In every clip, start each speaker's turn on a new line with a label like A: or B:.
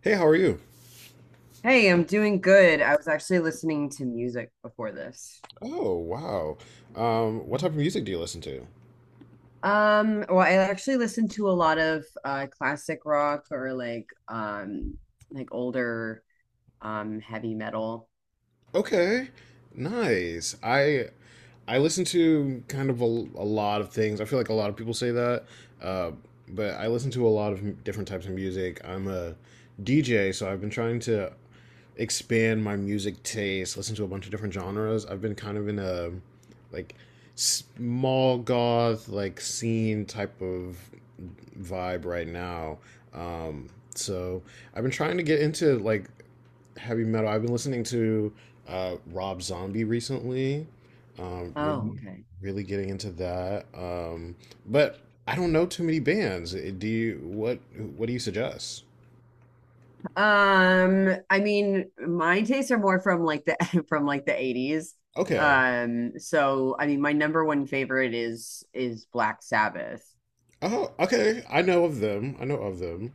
A: Hey, how are you?
B: Hey, I'm doing good. I was actually listening to music before this.
A: Oh, wow. What type of music do you listen to?
B: Well, I actually listen to a lot of classic rock, or like older heavy metal.
A: Okay, nice. I listen to kind of a lot of things. I feel like a lot of people say that, uh, but I listen to a lot of different types of music. I'm a DJ, so I've been trying to expand my music taste, listen to a bunch of different genres. I've been kind of in a like small goth like scene type of vibe right now. Um, so I've been trying to get into like heavy metal. I've been listening to Rob Zombie recently. Um,
B: Oh,
A: really,
B: okay.
A: really getting into that. But I don't know too many bands. Do you? What do you suggest?
B: I mean, my tastes are more from like the from like the 80s.
A: Okay.
B: So I mean, my number one favorite is Black Sabbath.
A: Oh, okay. I know of them. I know of them.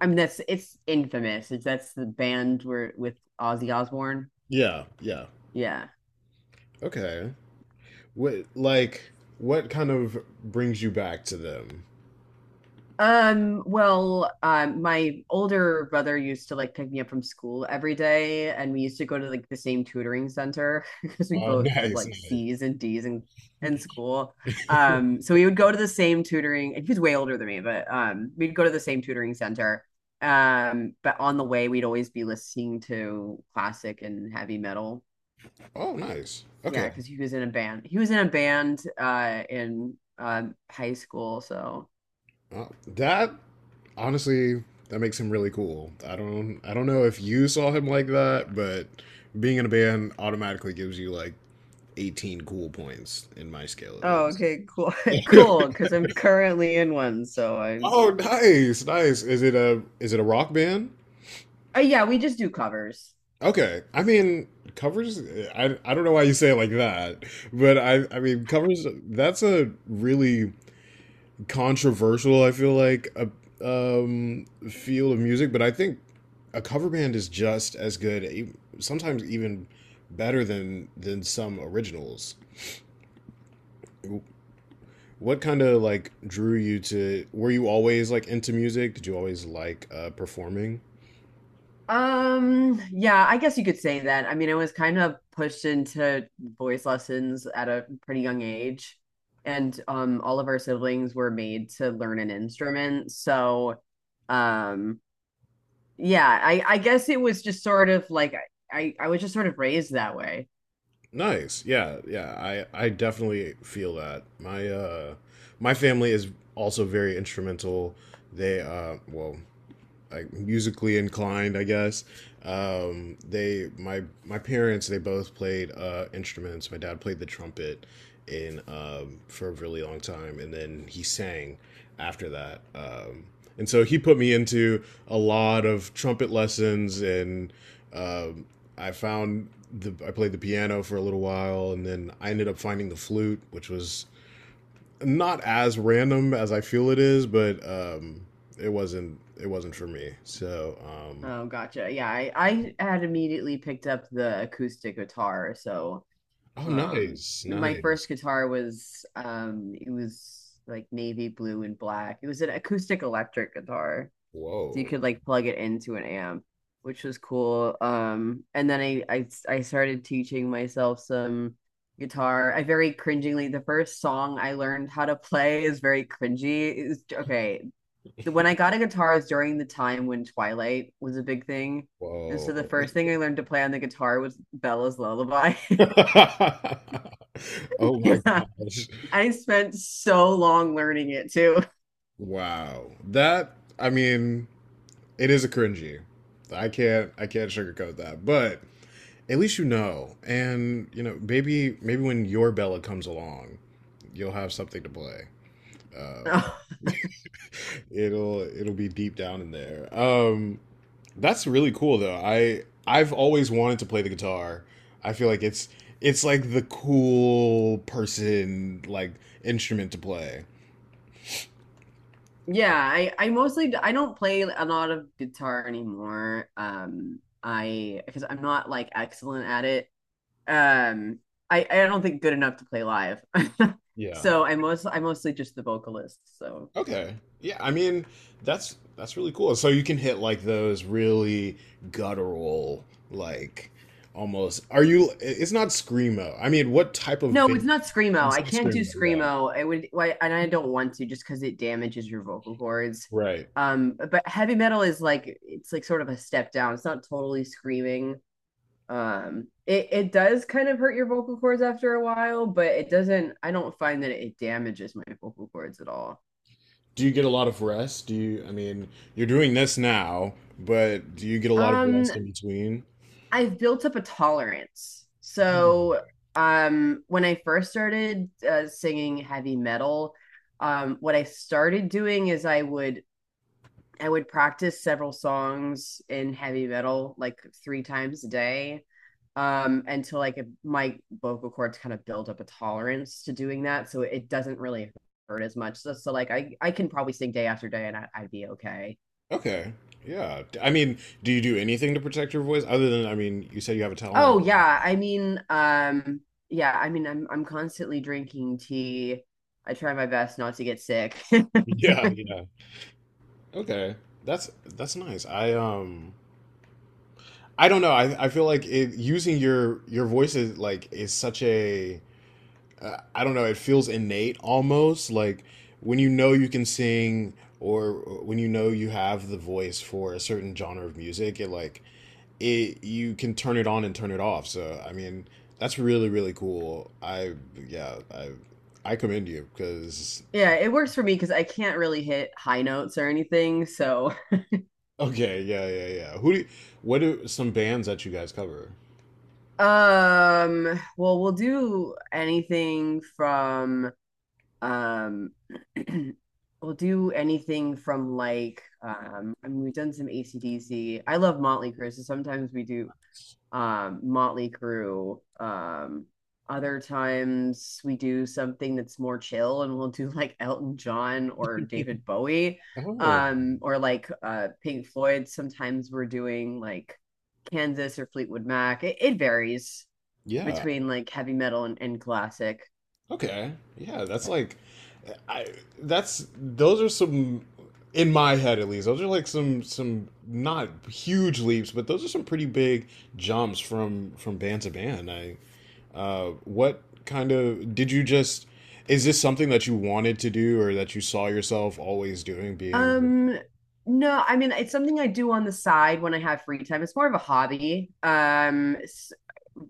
B: I mean, that's it's infamous. It's that's the band where with Ozzy Osbourne.
A: Yeah, yeah.
B: Yeah.
A: Okay. What what kind of brings you back to them?
B: My older brother used to like pick me up from school every day, and we used to go to like the same tutoring center because we
A: Oh,
B: both had
A: nice,
B: like
A: nice.
B: C's and D's in school. So we would go to the same tutoring, and he was way older than me, but we'd go to the same tutoring center. But on the way, we'd always be listening to classic and heavy metal.
A: Oh, nice.
B: Yeah,
A: Okay.
B: because he was in a band. He was in a band in high school, so.
A: Uh, that honestly that makes him really cool. I don't know if you saw him like that, but being in a band automatically gives you like 18 cool points in my scale at
B: Oh,
A: least.
B: okay, cool, cool. Because I'm currently in one, so I.
A: Oh, nice. Nice. Is it a rock band?
B: Yeah, we just do covers.
A: Okay. I mean, covers, I don't know why you say it like that, but I mean, covers, that's a really controversial, I feel like, um, field of music, but I think a cover band is just as good, sometimes even better than some originals. What kind of like drew you to, were you always like into music? Did you always like performing?
B: Yeah, I guess you could say that. I mean, I was kind of pushed into voice lessons at a pretty young age, and all of our siblings were made to learn an instrument. So, um, yeah, I guess it was just sort of like I was just sort of raised that way.
A: Nice. Yeah, yeah. I definitely feel that. My my family is also very instrumental. They uh well, like musically inclined, I guess. They my my parents they both played instruments. My dad played the trumpet in for a really long time, and then he sang after that. And so he put me into a lot of trumpet lessons, and um, I found the I played the piano for a little while, and then I ended up finding the flute, which was not as random as I feel it is, but it wasn't for me.
B: Oh, gotcha. Yeah, I had immediately picked up the acoustic guitar, so.
A: Oh,
B: Um,
A: nice,
B: my first
A: nice.
B: guitar was it was like navy blue and black. It was an acoustic electric guitar, so you
A: Whoa,
B: could like plug it into an amp, which was cool. And then I started teaching myself some guitar. I very cringingly the first song I learned how to play is very cringy. It was okay. When I got a guitar was during the time when Twilight was a big thing. And so the
A: whoa.
B: first thing I learned to play on the guitar was Bella's Lullaby.
A: Oh my
B: Yeah.
A: gosh!
B: I spent so long learning it too.
A: Wow, that I mean, it is a cringy. I can't sugarcoat that, but at least you know, and you know, maybe maybe when your Bella comes along, you'll have something to play. Uh, it'll be deep down in there. That's really cool though. I've always wanted to play the guitar. I feel like it's like the cool person like instrument to play.
B: Yeah, I mostly I don't play a lot of guitar anymore. I Because I'm not like excellent at it. Um, I don't think good enough to play live.
A: Yeah.
B: So I'm mostly just the vocalist. So
A: Okay. Yeah, I mean that's really cool. So you can hit like those really guttural like almost are you it's not screamo. I mean, what type of
B: no, it's
A: band
B: not screamo.
A: it's
B: I
A: not
B: can't do
A: screamo. Yeah.
B: screamo. I would why and I don't want to just because it damages your vocal cords.
A: Right.
B: But heavy metal is like it's like sort of a step down. It's not totally screaming. It does kind of hurt your vocal cords after a while, but it doesn't, I don't find that it damages my vocal cords at all.
A: Do you get a lot of rest? Do you, I mean, you're doing this now, but do you get a lot of
B: Um,
A: rest in between?
B: I've built up a tolerance. So, when I first started singing heavy metal, what I started doing is I would practice several songs in heavy metal like three times a day until like my vocal cords kind of build up a tolerance to doing that. So it doesn't really hurt as much. So, so like I can probably sing day after day, and I'd be okay.
A: Okay. Yeah. I mean, do you do anything to protect your voice other than, I mean, you said you have a
B: Oh
A: talent.
B: yeah. I mean, yeah, I mean, I'm constantly drinking tea. I try my best not to get sick. Yeah,
A: Yeah, yeah. Okay. That's nice. I don't know. I feel like it using your voice is like is such a I don't know, it feels innate almost like when you know you can sing or when you know you have the voice for a certain genre of music, it you can turn it on and turn it off. So I mean, that's really really cool. Yeah, I I commend you because
B: it works for me because I can't really hit high notes or anything. So
A: okay, yeah, yeah, yeah. What are some bands that you guys cover?
B: Well, we'll do anything from um we'll do anything from like I mean we've done some ac I love Motley Crue, so sometimes we do Motley Crue. Other times we do something that's more chill and we'll do like Elton John or David Bowie.
A: Oh,
B: Or like Pink Floyd. Sometimes we're doing like Kansas or Fleetwood Mac. It varies
A: yeah,
B: between like heavy metal and classic.
A: okay. Yeah, that's like I that's those are some in my head at least. Those are like some not huge leaps, but those are some pretty big jumps from band to band. I what kind of did you just is this something that you wanted to do or that you saw yourself always doing being
B: Um, no, I mean it's something I do on the side when I have free time. It's more of a hobby.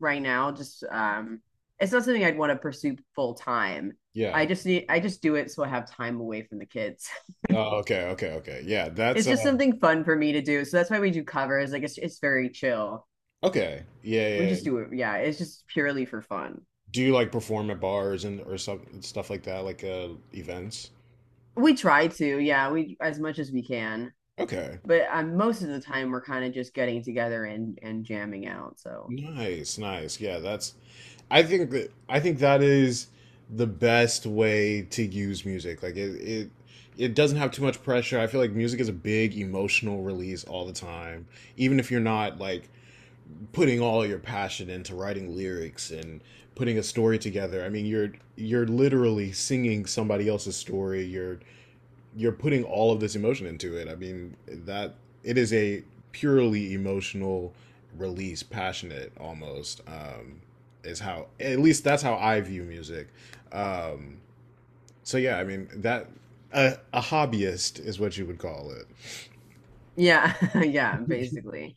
B: Right now, just it's not something I'd want to pursue full time.
A: yeah.
B: I just do it so I have time away from the kids.
A: Oh, okay, okay, okay. Yeah, that's
B: It's just something fun for me to do. So that's why we do covers. Like it's very chill.
A: okay. Yeah,
B: We
A: yeah.
B: just
A: Yeah.
B: do it. Yeah, it's just purely for fun.
A: Do you like perform at bars and or some stuff like that like events?
B: We try to, yeah, we as much as we can.
A: Okay.
B: But most of the time we're kind of just getting together and jamming out. So
A: Nice, nice. Yeah, that's I think that is the best way to use music. Like it doesn't have too much pressure. I feel like music is a big emotional release all the time. Even if you're not like putting all your passion into writing lyrics and putting a story together. I mean, you're literally singing somebody else's story. You're putting all of this emotion into it. I mean, that it is a purely emotional release, passionate almost. Is how at least that's how I view music. Um, so yeah, I mean that a hobbyist is what you would call it.
B: yeah, yeah, basically.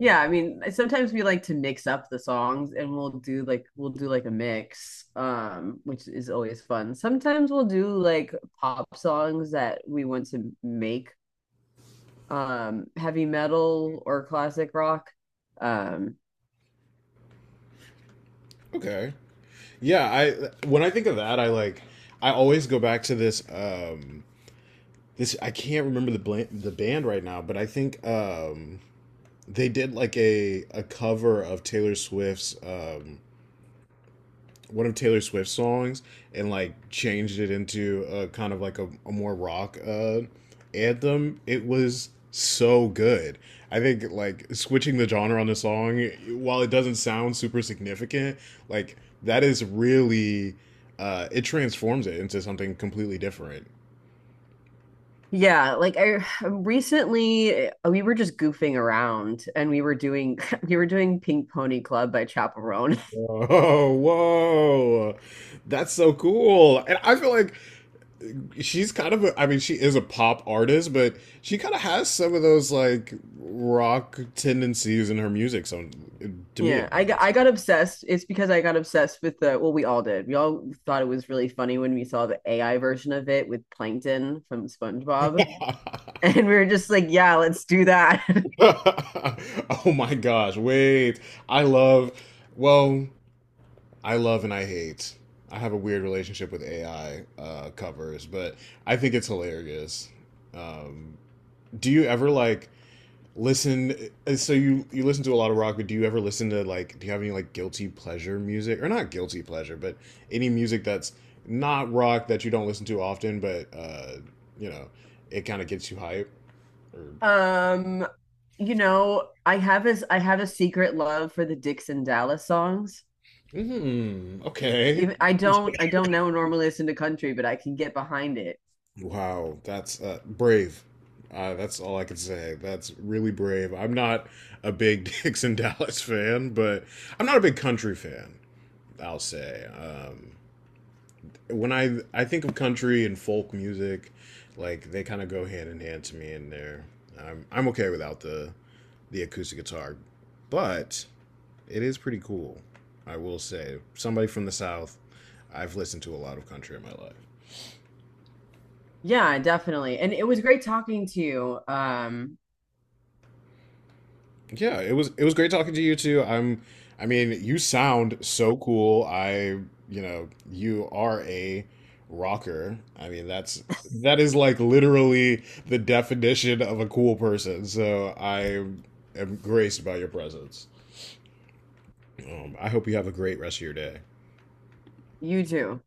B: Yeah, I mean, sometimes we like to mix up the songs and we'll do like a mix, which is always fun. Sometimes we'll do like pop songs that we want to make heavy metal or classic rock. Um,
A: Okay, yeah. I when I think of that, I always go back to this. I can't remember the the band right now, but I think they did like a cover of Taylor Swift's. One of Taylor Swift's songs and like changed it into a kind of like a more rock anthem. It was so good. I think like switching the genre on the song, while it doesn't sound super significant, like that is really it transforms it into something completely different.
B: Yeah, like I recently we were just goofing around and we were doing we were doing Pink Pony Club by Chaperone.
A: Whoa, whoa, that's so cool! And I feel like she's kind of a, I mean she is a pop artist but she kind of has some of those like rock tendencies in her music so to me
B: Yeah, I got obsessed. It's because I got obsessed with the well, we all did. We all thought it was really funny when we saw the AI version of it with Plankton from SpongeBob. And we were just like, yeah, let's do that.
A: oh my gosh wait I love well I love and I hate I have a weird relationship with AI covers but I think it's hilarious um, do you ever like listen so you listen to a lot of rock but do you ever listen to like do you have any like guilty pleasure music or not guilty pleasure but any music that's not rock that you don't listen to often but you know it kind of gets you hype or
B: Um, you know, I have a secret love for the Dixon Dallas songs.
A: mm, okay.
B: Even, I don't know normally listen to country, but I can get behind it.
A: Wow, that's brave. That's all I can say. That's really brave. I'm not a big Dixon Dallas fan, but I'm not a big country fan, I'll say. When I think of country and folk music, like they kind of go hand in hand to me in there. I'm okay without the acoustic guitar, but it is pretty cool. I will say, somebody from the south, I've listened to a lot of country in my life.
B: Yeah, definitely. And it was great talking to you.
A: Yeah, it was great talking to you too. I mean, you sound so cool. I, you know, you are a rocker. I mean, that is like literally the definition of a cool person. So I am graced by your presence. I hope you have a great rest of your day.
B: You too.